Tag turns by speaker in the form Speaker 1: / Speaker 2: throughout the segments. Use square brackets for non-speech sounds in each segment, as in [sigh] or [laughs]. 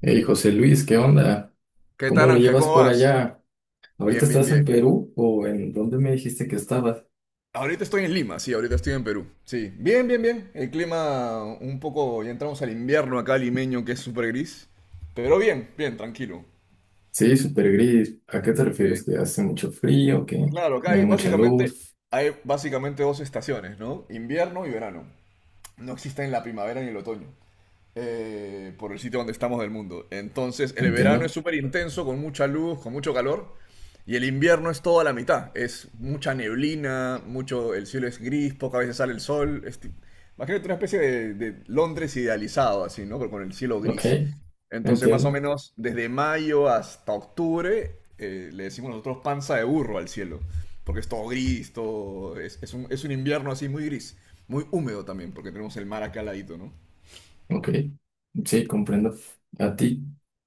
Speaker 1: Hey, José Luis, ¿qué onda?
Speaker 2: ¿Qué
Speaker 1: ¿Cómo
Speaker 2: tal,
Speaker 1: lo
Speaker 2: Ángel?
Speaker 1: llevas
Speaker 2: ¿Cómo
Speaker 1: por
Speaker 2: vas?
Speaker 1: allá? ¿Ahorita
Speaker 2: Bien, bien,
Speaker 1: estás en
Speaker 2: bien.
Speaker 1: Perú o en dónde me dijiste que estabas?
Speaker 2: Ahorita estoy en Lima, sí, ahorita estoy en Perú. Sí, bien, bien, bien. El clima un poco, ya entramos al invierno acá limeño, que es súper gris. Pero bien, bien, tranquilo.
Speaker 1: Sí, súper gris. ¿A qué te
Speaker 2: Sí,
Speaker 1: refieres? ¿Que hace mucho frío? ¿Que
Speaker 2: claro, acá
Speaker 1: no hay
Speaker 2: hay
Speaker 1: mucha
Speaker 2: básicamente,
Speaker 1: luz?
Speaker 2: hay básicamente dos estaciones, ¿no? Invierno y verano. No existen la primavera ni el otoño, por el sitio donde estamos del mundo. Entonces, el verano es
Speaker 1: Entiendo.
Speaker 2: súper intenso, con mucha luz, con mucho calor. Y el invierno es toda la mitad. Es mucha neblina, mucho, el cielo es gris, pocas veces sale el sol. Imagínate una especie de Londres idealizado, así, ¿no? Pero con el cielo
Speaker 1: Ok,
Speaker 2: gris. Entonces, más o
Speaker 1: entiendo.
Speaker 2: menos desde mayo hasta octubre, le decimos nosotros panza de burro al cielo. Porque es todo gris, todo. Es un invierno así muy gris. Muy húmedo también, porque tenemos el mar acá al ladito, ¿no?
Speaker 1: Ok, sí, comprendo. ¿A ti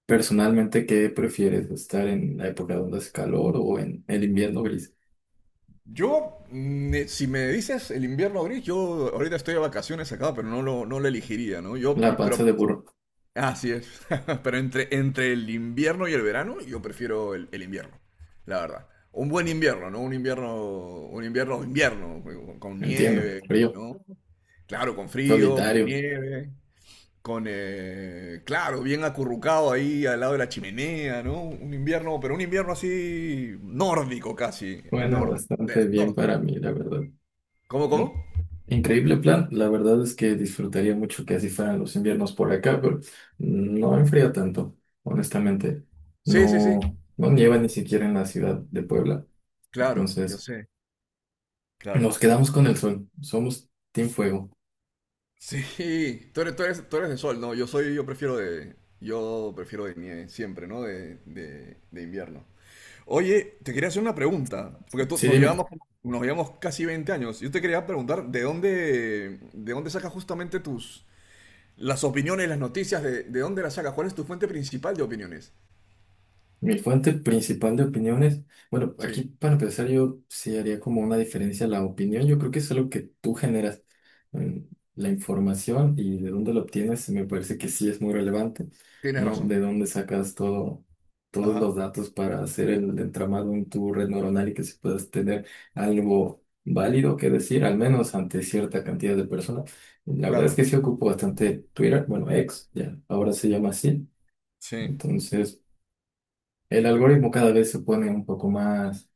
Speaker 1: personalmente qué prefieres? ¿Estar en la época donde hace calor o en el invierno gris?
Speaker 2: Yo, si me dices el invierno gris, yo ahorita estoy de vacaciones acá, pero no lo elegiría, ¿no? Yo, y-
Speaker 1: La
Speaker 2: pero,
Speaker 1: panza de burro.
Speaker 2: así es. [laughs] Pero entre el invierno y el verano, yo prefiero el invierno, la verdad. Un buen invierno, ¿no? Un invierno, invierno, con
Speaker 1: Entiendo.
Speaker 2: nieve,
Speaker 1: Frío,
Speaker 2: ¿no? Claro, con frío, con
Speaker 1: solitario.
Speaker 2: nieve, claro, bien acurrucado ahí al lado de la chimenea, ¿no? Un invierno, pero un invierno así nórdico casi,
Speaker 1: Bueno, bastante
Speaker 2: del
Speaker 1: bien para
Speaker 2: norte.
Speaker 1: mí, la verdad.
Speaker 2: ¿Cómo, cómo?
Speaker 1: Increíble plan, la verdad es que disfrutaría mucho que así fueran los inviernos por acá, pero no enfría tanto, honestamente.
Speaker 2: Sí, sí, sí.
Speaker 1: No, no nieva ni siquiera en la ciudad de Puebla,
Speaker 2: Claro, yo
Speaker 1: entonces
Speaker 2: sé, claro.
Speaker 1: nos quedamos con el sol, somos Team Fuego.
Speaker 2: Sí, [laughs] tú eres de sol, ¿no? Yo prefiero de nieve, siempre, ¿no? De invierno. Oye, te quería hacer una pregunta, porque tú,
Speaker 1: Sí,
Speaker 2: nos
Speaker 1: dime.
Speaker 2: llevamos, nos llevamos casi 20 años. Yo te quería preguntar, ¿de dónde sacas justamente tus, las opiniones, las noticias, de dónde las sacas? ¿Cuál es tu fuente principal de opiniones?
Speaker 1: Mi fuente principal de opiniones, bueno, aquí
Speaker 2: Sí,
Speaker 1: para empezar yo sí haría como una diferencia la opinión, yo creo que es algo que tú generas. Mm, la información y de dónde la obtienes me parece que sí es muy relevante,
Speaker 2: tienes
Speaker 1: ¿no?
Speaker 2: razón.
Speaker 1: De dónde sacas todo, todos
Speaker 2: Ajá,
Speaker 1: los datos para hacer el entramado en tu red neuronal y que se puedas tener algo válido que decir, al menos ante cierta cantidad de personas. La verdad es
Speaker 2: claro.
Speaker 1: que sí ocupo bastante Twitter, bueno, ex, ya, ahora se llama así,
Speaker 2: Sí,
Speaker 1: entonces. El algoritmo cada vez se pone un poco más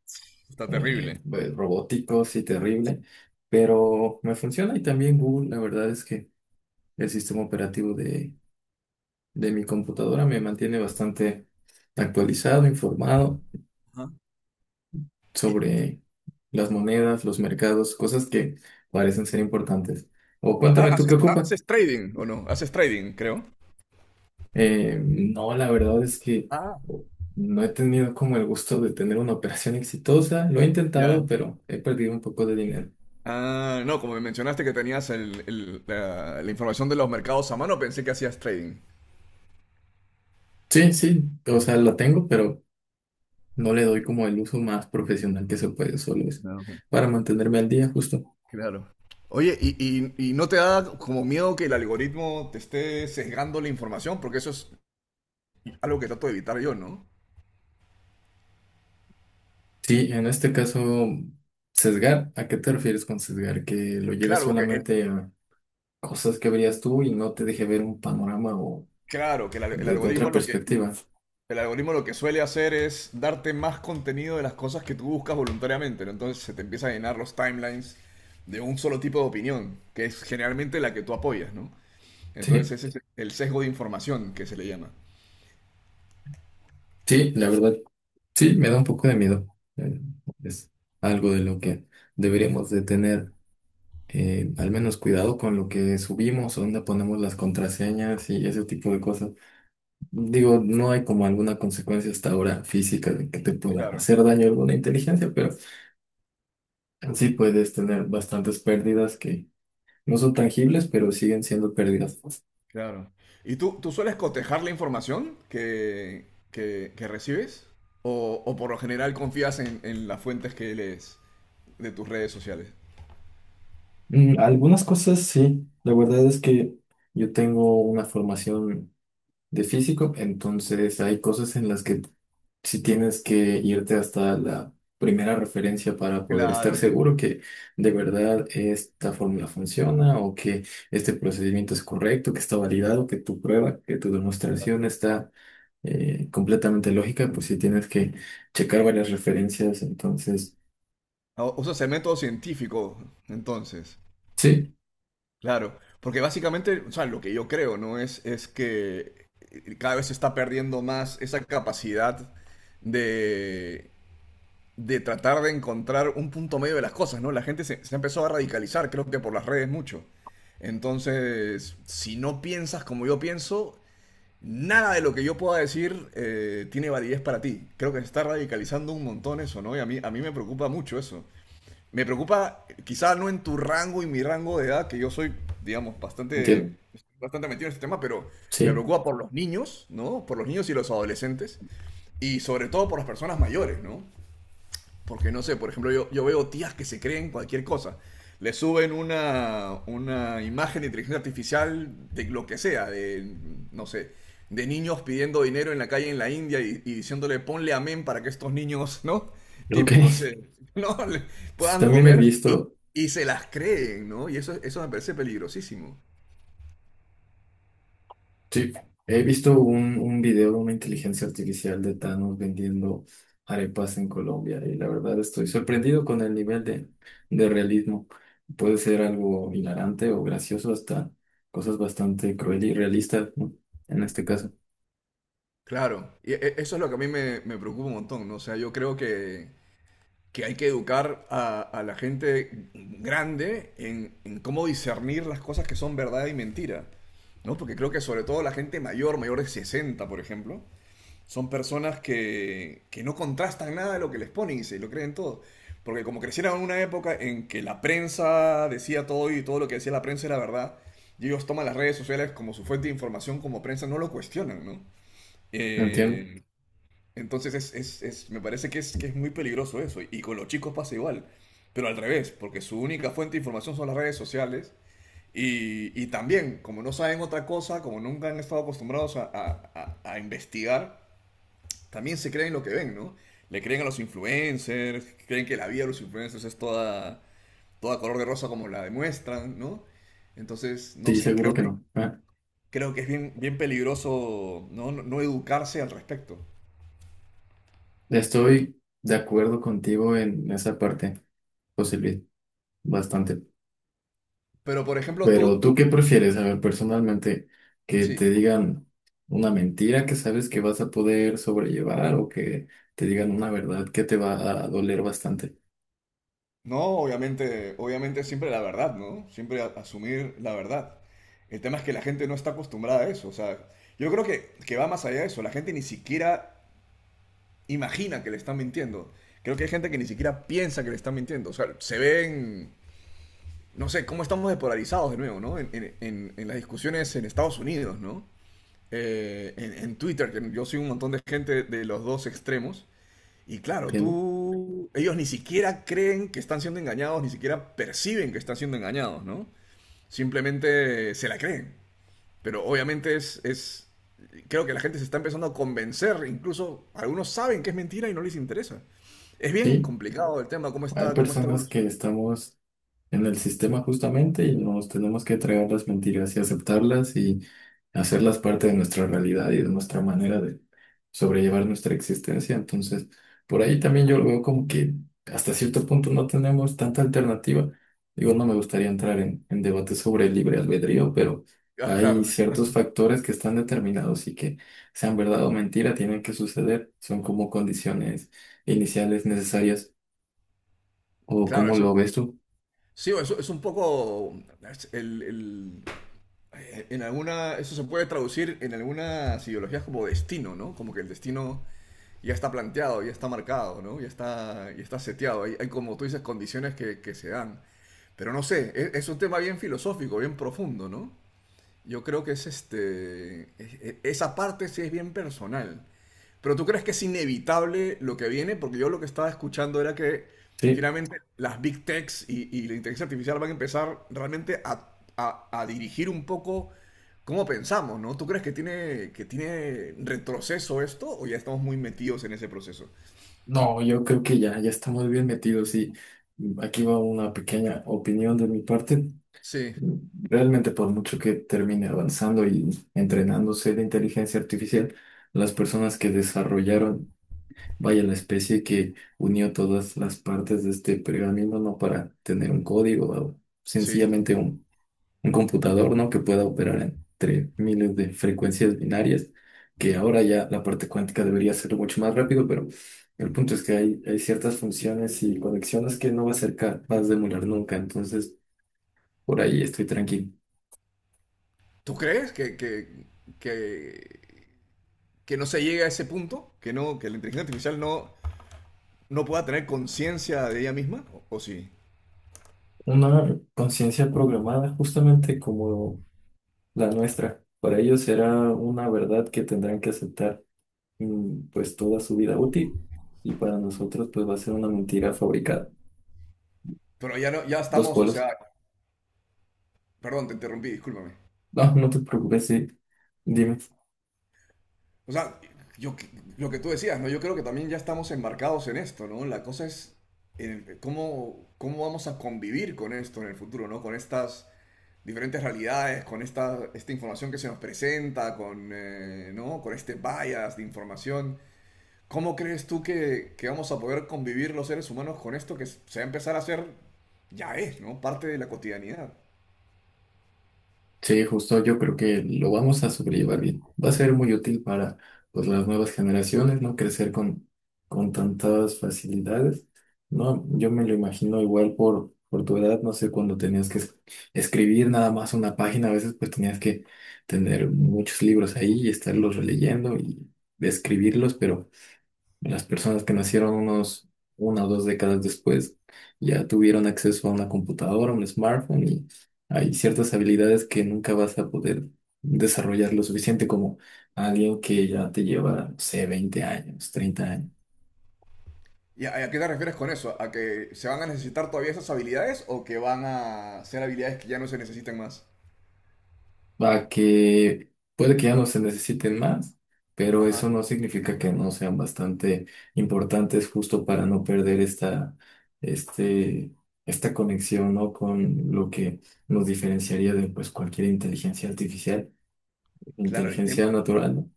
Speaker 2: está terrible.
Speaker 1: pues, robótico, sí,
Speaker 2: Sí.
Speaker 1: terrible, pero me funciona y también Google, la verdad es que el sistema operativo de mi computadora me mantiene bastante actualizado, informado
Speaker 2: Ajá. Y, y-
Speaker 1: sobre las monedas, los mercados, cosas que parecen ser importantes. O cuéntame tú qué
Speaker 2: ¿Haces,
Speaker 1: ocupa.
Speaker 2: haces trading o no? Haces trading, creo.
Speaker 1: No, la verdad es que
Speaker 2: Ah,
Speaker 1: no he tenido como el gusto de tener una operación exitosa, lo he
Speaker 2: ya.
Speaker 1: intentado, pero he perdido un poco de dinero.
Speaker 2: Ah, no, como me mencionaste que tenías la información de los mercados a mano, pensé que hacías trading.
Speaker 1: Sí, sí, o sea, la tengo, pero no le doy como el uso más profesional que se puede, solo es
Speaker 2: No, ok.
Speaker 1: para mantenerme al día, justo.
Speaker 2: Claro. Oye, ¿y no te da como miedo que el algoritmo te esté sesgando la información? Porque eso es algo que trato de evitar yo, ¿no?
Speaker 1: Sí, en este caso, sesgar, ¿a qué te refieres con sesgar? Que lo lleves
Speaker 2: Claro, que el,
Speaker 1: solamente a cosas que verías tú y no te deje ver un panorama o
Speaker 2: claro, que el, al- el
Speaker 1: desde otra
Speaker 2: algoritmo lo que,
Speaker 1: perspectiva.
Speaker 2: el algoritmo lo que suele hacer es darte más contenido de las cosas que tú buscas voluntariamente, ¿no? Entonces se te empieza a llenar los timelines de un solo tipo de opinión, que es generalmente la que tú apoyas, ¿no?
Speaker 1: Sí,
Speaker 2: Entonces ese es el sesgo de información que se le llama.
Speaker 1: sí, la verdad, sí, me da un poco de miedo. Eh, Es algo de lo que deberíamos de tener al menos cuidado con lo que subimos, dónde ponemos las contraseñas y ese tipo de cosas. Digo, no hay como alguna consecuencia hasta ahora física de que te pueda
Speaker 2: Claro,
Speaker 1: hacer daño alguna inteligencia, pero sí puedes tener bastantes pérdidas que no son tangibles, pero siguen siendo pérdidas.
Speaker 2: claro. ¿Y tú sueles cotejar la información que recibes? ¿O por lo general confías en las fuentes que lees de tus redes sociales?
Speaker 1: Algunas cosas sí, la verdad es que yo tengo una formación de físico, entonces hay cosas en las que si tienes que irte hasta la primera referencia para poder estar
Speaker 2: Claro.
Speaker 1: seguro que de verdad esta fórmula funciona o que este procedimiento es correcto, que está validado, que tu prueba, que tu demostración está completamente lógica, pues si tienes que checar varias referencias, entonces
Speaker 2: Usas el método científico, entonces.
Speaker 1: sí,
Speaker 2: Claro, porque básicamente, o sea, lo que yo creo, ¿no? Es que cada vez se está perdiendo más esa capacidad de, de tratar de encontrar un punto medio de las cosas, ¿no? La gente se empezó a radicalizar, creo que por las redes mucho. Entonces, si no piensas como yo pienso, nada de lo que yo pueda decir tiene validez para ti. Creo que se está radicalizando un montón eso, ¿no? Y a mí me preocupa mucho eso. Me preocupa, quizás no en tu rango y mi rango de edad, que yo soy, digamos, bastante,
Speaker 1: entiendo,
Speaker 2: bastante metido en este tema, pero me
Speaker 1: sí,
Speaker 2: preocupa por los niños, ¿no? Por los niños y los adolescentes, y sobre todo por las personas mayores, ¿no? Porque no sé, por ejemplo, yo veo tías que se creen cualquier cosa. Le suben una imagen de inteligencia artificial de lo que sea, de, no sé, de niños pidiendo dinero en la calle en la India y diciéndole ponle amén para que estos niños, ¿no?
Speaker 1: ok.
Speaker 2: Típicos,
Speaker 1: [laughs]
Speaker 2: [laughs] ¿no?
Speaker 1: Sí,
Speaker 2: Puedan
Speaker 1: También he
Speaker 2: comer y,
Speaker 1: visto
Speaker 2: y se las creen, ¿no? Y eso me parece peligrosísimo.
Speaker 1: Sí, he visto un video de una inteligencia artificial de Thanos vendiendo arepas en Colombia y la verdad estoy sorprendido con el nivel de realismo. Puede ser algo hilarante o gracioso, hasta cosas bastante cruel y realistas, ¿no? En este caso,
Speaker 2: Claro, y eso es lo que a mí me preocupa un montón, ¿no? O sea, yo creo que, hay que educar a la gente grande en cómo discernir las cosas que son verdad y mentira, ¿no? Porque creo que sobre todo la gente mayor, mayor de 60, por ejemplo, son personas que no contrastan nada de lo que les ponen y se lo creen todo. Porque como crecieron en una época en que la prensa decía todo y todo lo que decía la prensa era verdad, y ellos toman las redes sociales como su fuente de información, como prensa, no lo cuestionan, ¿no?
Speaker 1: entiendo.
Speaker 2: Eh, entonces me parece que es muy peligroso eso. Y con los chicos pasa igual. Pero al revés, porque su única fuente de información son las redes sociales. Y también, como no saben otra cosa, como nunca han estado acostumbrados a investigar, también se creen lo que ven, ¿no? Le creen a los influencers, creen que la vida de los influencers es toda color de rosa como la demuestran, ¿no? Entonces, no
Speaker 1: Sí,
Speaker 2: sé,
Speaker 1: seguro
Speaker 2: creo
Speaker 1: que
Speaker 2: que,
Speaker 1: no. Ah,
Speaker 2: creo que es bien, bien peligroso no educarse al respecto.
Speaker 1: estoy de acuerdo contigo en esa parte, José Luis, bastante.
Speaker 2: Pero, por ejemplo,
Speaker 1: Pero ¿tú qué prefieres? A ver, personalmente, que
Speaker 2: sí.
Speaker 1: te digan una mentira que sabes que vas a poder sobrellevar o que te digan una verdad que te va a doler bastante.
Speaker 2: No, obviamente siempre la verdad, ¿no? Siempre asumir la verdad. El tema es que la gente no está acostumbrada a eso. O sea, yo creo que va más allá de eso. La gente ni siquiera imagina que le están mintiendo. Creo que hay gente que ni siquiera piensa que le están mintiendo. O sea, se ven, no sé, cómo estamos despolarizados de nuevo, ¿no? En las discusiones en Estados Unidos, ¿no? En Twitter, que yo soy un montón de gente de los dos extremos. Y claro,
Speaker 1: ¿Entiendo?
Speaker 2: tú, ellos ni siquiera creen que están siendo engañados, ni siquiera perciben que están siendo engañados, ¿no? Simplemente se la creen. Pero obviamente es, creo que la gente se está empezando a convencer, incluso algunos saben que es mentira y no les interesa. Es bien
Speaker 1: Sí,
Speaker 2: complicado el tema, cómo
Speaker 1: hay
Speaker 2: está, cómo está
Speaker 1: personas que
Speaker 2: evolucionando.
Speaker 1: estamos en el sistema justamente y nos tenemos que tragar las mentiras y aceptarlas y hacerlas parte de nuestra realidad y de nuestra manera de sobrellevar nuestra existencia. Entonces, por ahí también yo lo veo como que hasta cierto punto no tenemos tanta alternativa. Digo, no me gustaría entrar en debates sobre el libre albedrío, pero
Speaker 2: Ah,
Speaker 1: hay
Speaker 2: claro,
Speaker 1: ciertos factores que están determinados y que sean verdad o mentira, tienen que suceder. Son como condiciones iniciales necesarias. ¿O
Speaker 2: claro,
Speaker 1: cómo
Speaker 2: eso,
Speaker 1: lo ves tú?
Speaker 2: sí, eso es un poco, es en alguna, eso se puede traducir en algunas ideologías como destino, ¿no? Como que el destino ya está planteado, ya está marcado, ¿no? Ya está seteado. Hay, como tú dices, condiciones que se dan. Pero no sé, es un tema bien filosófico, bien profundo, ¿no? Yo creo que es este. Esa parte sí es bien personal. Pero tú crees que es inevitable lo que viene, porque yo lo que estaba escuchando era que
Speaker 1: Sí.
Speaker 2: finalmente las big techs y la inteligencia artificial van a empezar realmente a dirigir un poco cómo pensamos, ¿no? ¿Tú crees que tiene retroceso esto o ya estamos muy metidos en ese proceso?
Speaker 1: No, yo creo que ya, ya estamos bien metidos y aquí va una pequeña opinión de mi parte.
Speaker 2: Sí,
Speaker 1: Realmente por mucho que termine avanzando y entrenándose la inteligencia artificial, las personas que desarrollaron, vaya la especie que unió todas las partes de este pergamino, no para tener un código o
Speaker 2: sí.
Speaker 1: sencillamente un computador, ¿no? Que pueda operar entre miles de frecuencias binarias, que ahora ya la parte cuántica debería ser mucho más rápido, pero el punto es que hay ciertas funciones y conexiones que no va a ser capaz de emular nunca, entonces por ahí estoy tranquilo.
Speaker 2: ¿Tú crees que, que no se llegue a ese punto? ¿Que no, que la inteligencia artificial no pueda tener conciencia de ella misma, o sí.
Speaker 1: Una conciencia programada justamente como la nuestra, para ellos será una verdad que tendrán que aceptar pues toda su vida útil y para nosotros pues va a ser una mentira fabricada.
Speaker 2: Pero ya no, ya
Speaker 1: Dos
Speaker 2: estamos, o
Speaker 1: polos.
Speaker 2: sea, perdón, te interrumpí, discúlpame.
Speaker 1: No, no te preocupes, sí. Dime.
Speaker 2: O sea, yo, que- lo que tú decías, ¿no? Yo creo que también ya estamos embarcados en esto, ¿no? La cosa es cómo vamos a convivir con esto en el futuro, ¿no? Con estas diferentes realidades, con esta información que se nos presenta, ¿no? Con este bias de información. ¿Cómo crees tú que, vamos a poder convivir los seres humanos con esto que se va a empezar a hacer, ya es, ¿no? Parte de la cotidianidad.
Speaker 1: Sí, justo yo creo que lo vamos a sobrellevar bien. Va a ser muy útil para pues, las nuevas generaciones, ¿no? Crecer con tantas facilidades, ¿no? Yo me lo imagino igual por tu edad, no sé, cuando tenías que escribir nada más una página, a veces pues tenías que tener muchos libros ahí y estarlos releyendo y escribirlos, pero las personas que nacieron unos una o dos décadas después ya tuvieron acceso a una computadora, un smartphone y hay ciertas habilidades que nunca vas a poder desarrollar lo suficiente como alguien que ya te lleva, no sé, 20 años, 30 años.
Speaker 2: ¿Y a qué te refieres con eso? ¿A que se van a necesitar todavía esas habilidades o que van a ser habilidades que ya no se necesitan más?
Speaker 1: Va que puede que ya no se necesiten más, pero eso
Speaker 2: Ajá.
Speaker 1: no significa que no sean bastante importantes justo para no perder este, esta conexión, ¿no? Con lo que nos diferenciaría de pues, cualquier inteligencia artificial,
Speaker 2: Claro, el tema,
Speaker 1: inteligencia natural, ¿no?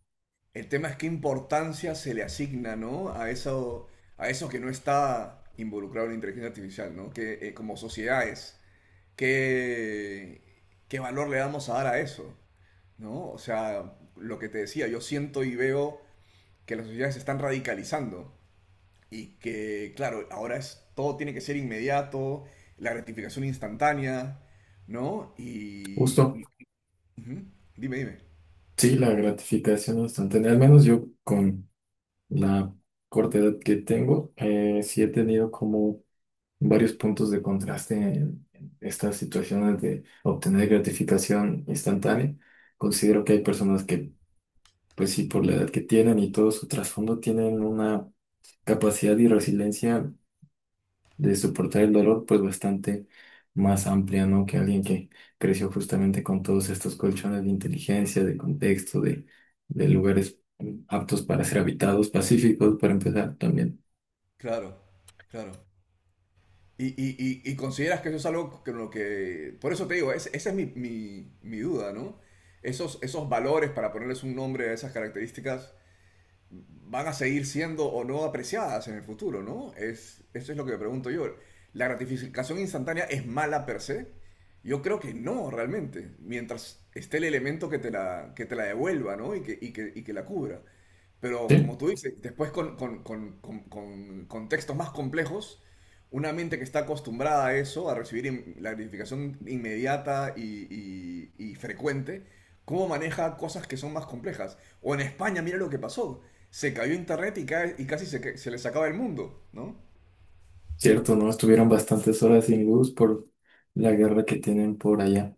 Speaker 2: el tema es qué importancia se le asigna, ¿no? A eso que no está involucrado en la inteligencia artificial, ¿no? Que como sociedades, ¿qué, qué valor le vamos a dar a eso? ¿No? O sea, lo que te decía, yo siento y veo que las sociedades se están radicalizando y que, claro, ahora es, todo tiene que ser inmediato, la gratificación instantánea, ¿no?
Speaker 1: Justo,
Speaker 2: Ujú, dime, dime.
Speaker 1: sí, la gratificación instantánea, al menos yo con la corta edad que tengo, sí he tenido como varios puntos de contraste en estas situaciones de obtener gratificación instantánea. Considero que hay personas que, pues sí, por la edad que tienen y todo su trasfondo, tienen una capacidad y resiliencia de soportar el dolor, pues bastante más amplia, ¿no? Que alguien que creció justamente con todos estos colchones de inteligencia, de contexto, de lugares aptos para ser habitados, pacíficos, para empezar también.
Speaker 2: Claro, claro. Y, y- y consideras que eso es algo que lo que... Por eso te digo, esa es mi duda, ¿no? Esos valores, para ponerles un nombre a esas características, van a seguir siendo o no apreciadas en el futuro, ¿no? Eso es lo que me pregunto yo. ¿La gratificación instantánea es mala per se? Yo creo que no, realmente, mientras esté el elemento que te la devuelva, ¿no? Y que la cubra. Pero como
Speaker 1: ¿Sí?
Speaker 2: tú dices, después con contextos más complejos, una mente que está acostumbrada a eso, a recibir la gratificación inmediata y frecuente, cómo maneja cosas que son más complejas. O en España, mira lo que pasó. Se cayó internet y casi se les acaba el mundo, ¿no?
Speaker 1: Cierto, ¿no? Estuvieron bastantes horas sin luz por la guerra que tienen por allá.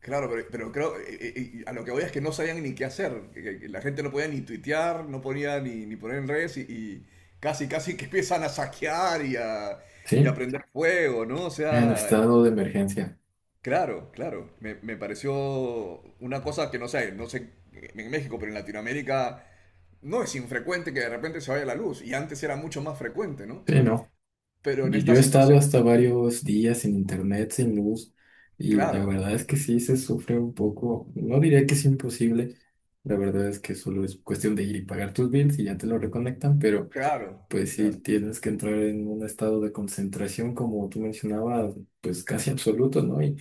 Speaker 2: Claro, pero creo, a lo que voy es que no sabían ni qué hacer. Que La gente no podía ni tuitear, no podía ni poner en redes y casi, casi que empiezan a saquear y a
Speaker 1: Sí,
Speaker 2: prender fuego, ¿no? O
Speaker 1: en
Speaker 2: sea,
Speaker 1: estado de emergencia.
Speaker 2: claro, claro. Me pareció una cosa que no sé en México, pero en Latinoamérica no es infrecuente que de repente se vaya la luz. Y antes era mucho más frecuente, ¿no?
Speaker 1: Sí, ¿no?
Speaker 2: Pero en
Speaker 1: Yo
Speaker 2: esta
Speaker 1: he estado
Speaker 2: situación,
Speaker 1: hasta varios días sin internet, sin luz, y la
Speaker 2: claro,
Speaker 1: verdad es que sí se sufre un poco. No diría que es imposible, la verdad es que solo es cuestión de ir y pagar tus bills y ya te lo reconectan, pero.
Speaker 2: claro,
Speaker 1: Pues
Speaker 2: claro,
Speaker 1: sí, tienes que entrar en un estado de concentración, como tú mencionabas, pues casi absoluto, ¿no? Y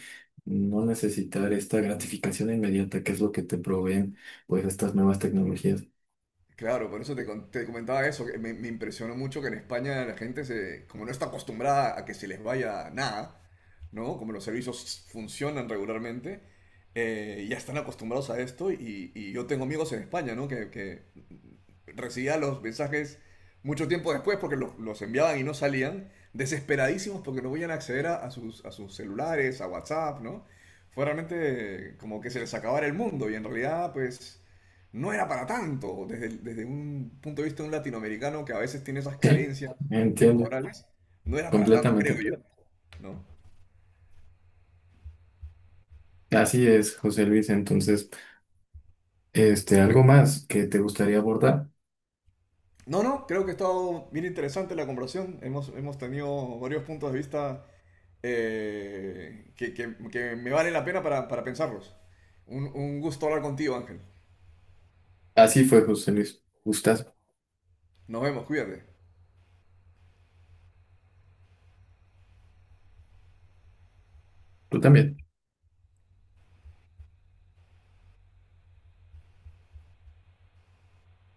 Speaker 1: no necesitar esta gratificación inmediata, que es lo que te proveen, pues, estas nuevas tecnologías.
Speaker 2: claro. Por eso te comentaba eso, que me impresionó mucho que en España la gente se, como no está acostumbrada a que se les vaya nada, ¿no? Como los servicios funcionan regularmente, ya están acostumbrados a esto y yo tengo amigos en España, ¿no? Que recibía los mensajes mucho tiempo después porque los enviaban y no salían, desesperadísimos porque no podían acceder a sus celulares, a WhatsApp, ¿no? Fue realmente como que se les acabara el mundo y en realidad pues no era para tanto desde un punto de vista de un latinoamericano que a veces tiene esas
Speaker 1: Sí,
Speaker 2: carencias
Speaker 1: entiendo,
Speaker 2: temporales, no era para tanto, creo
Speaker 1: completamente.
Speaker 2: yo, ¿no?
Speaker 1: Así es, José Luis. Entonces, este, algo más que te gustaría abordar.
Speaker 2: No, no, creo que ha estado bien interesante la conversación. Hemos tenido varios puntos de vista, que, que me vale la pena para pensarlos. Un gusto hablar contigo, Ángel.
Speaker 1: Así fue, José Luis. Gustas,
Speaker 2: Nos vemos, cuídate.
Speaker 1: tú también.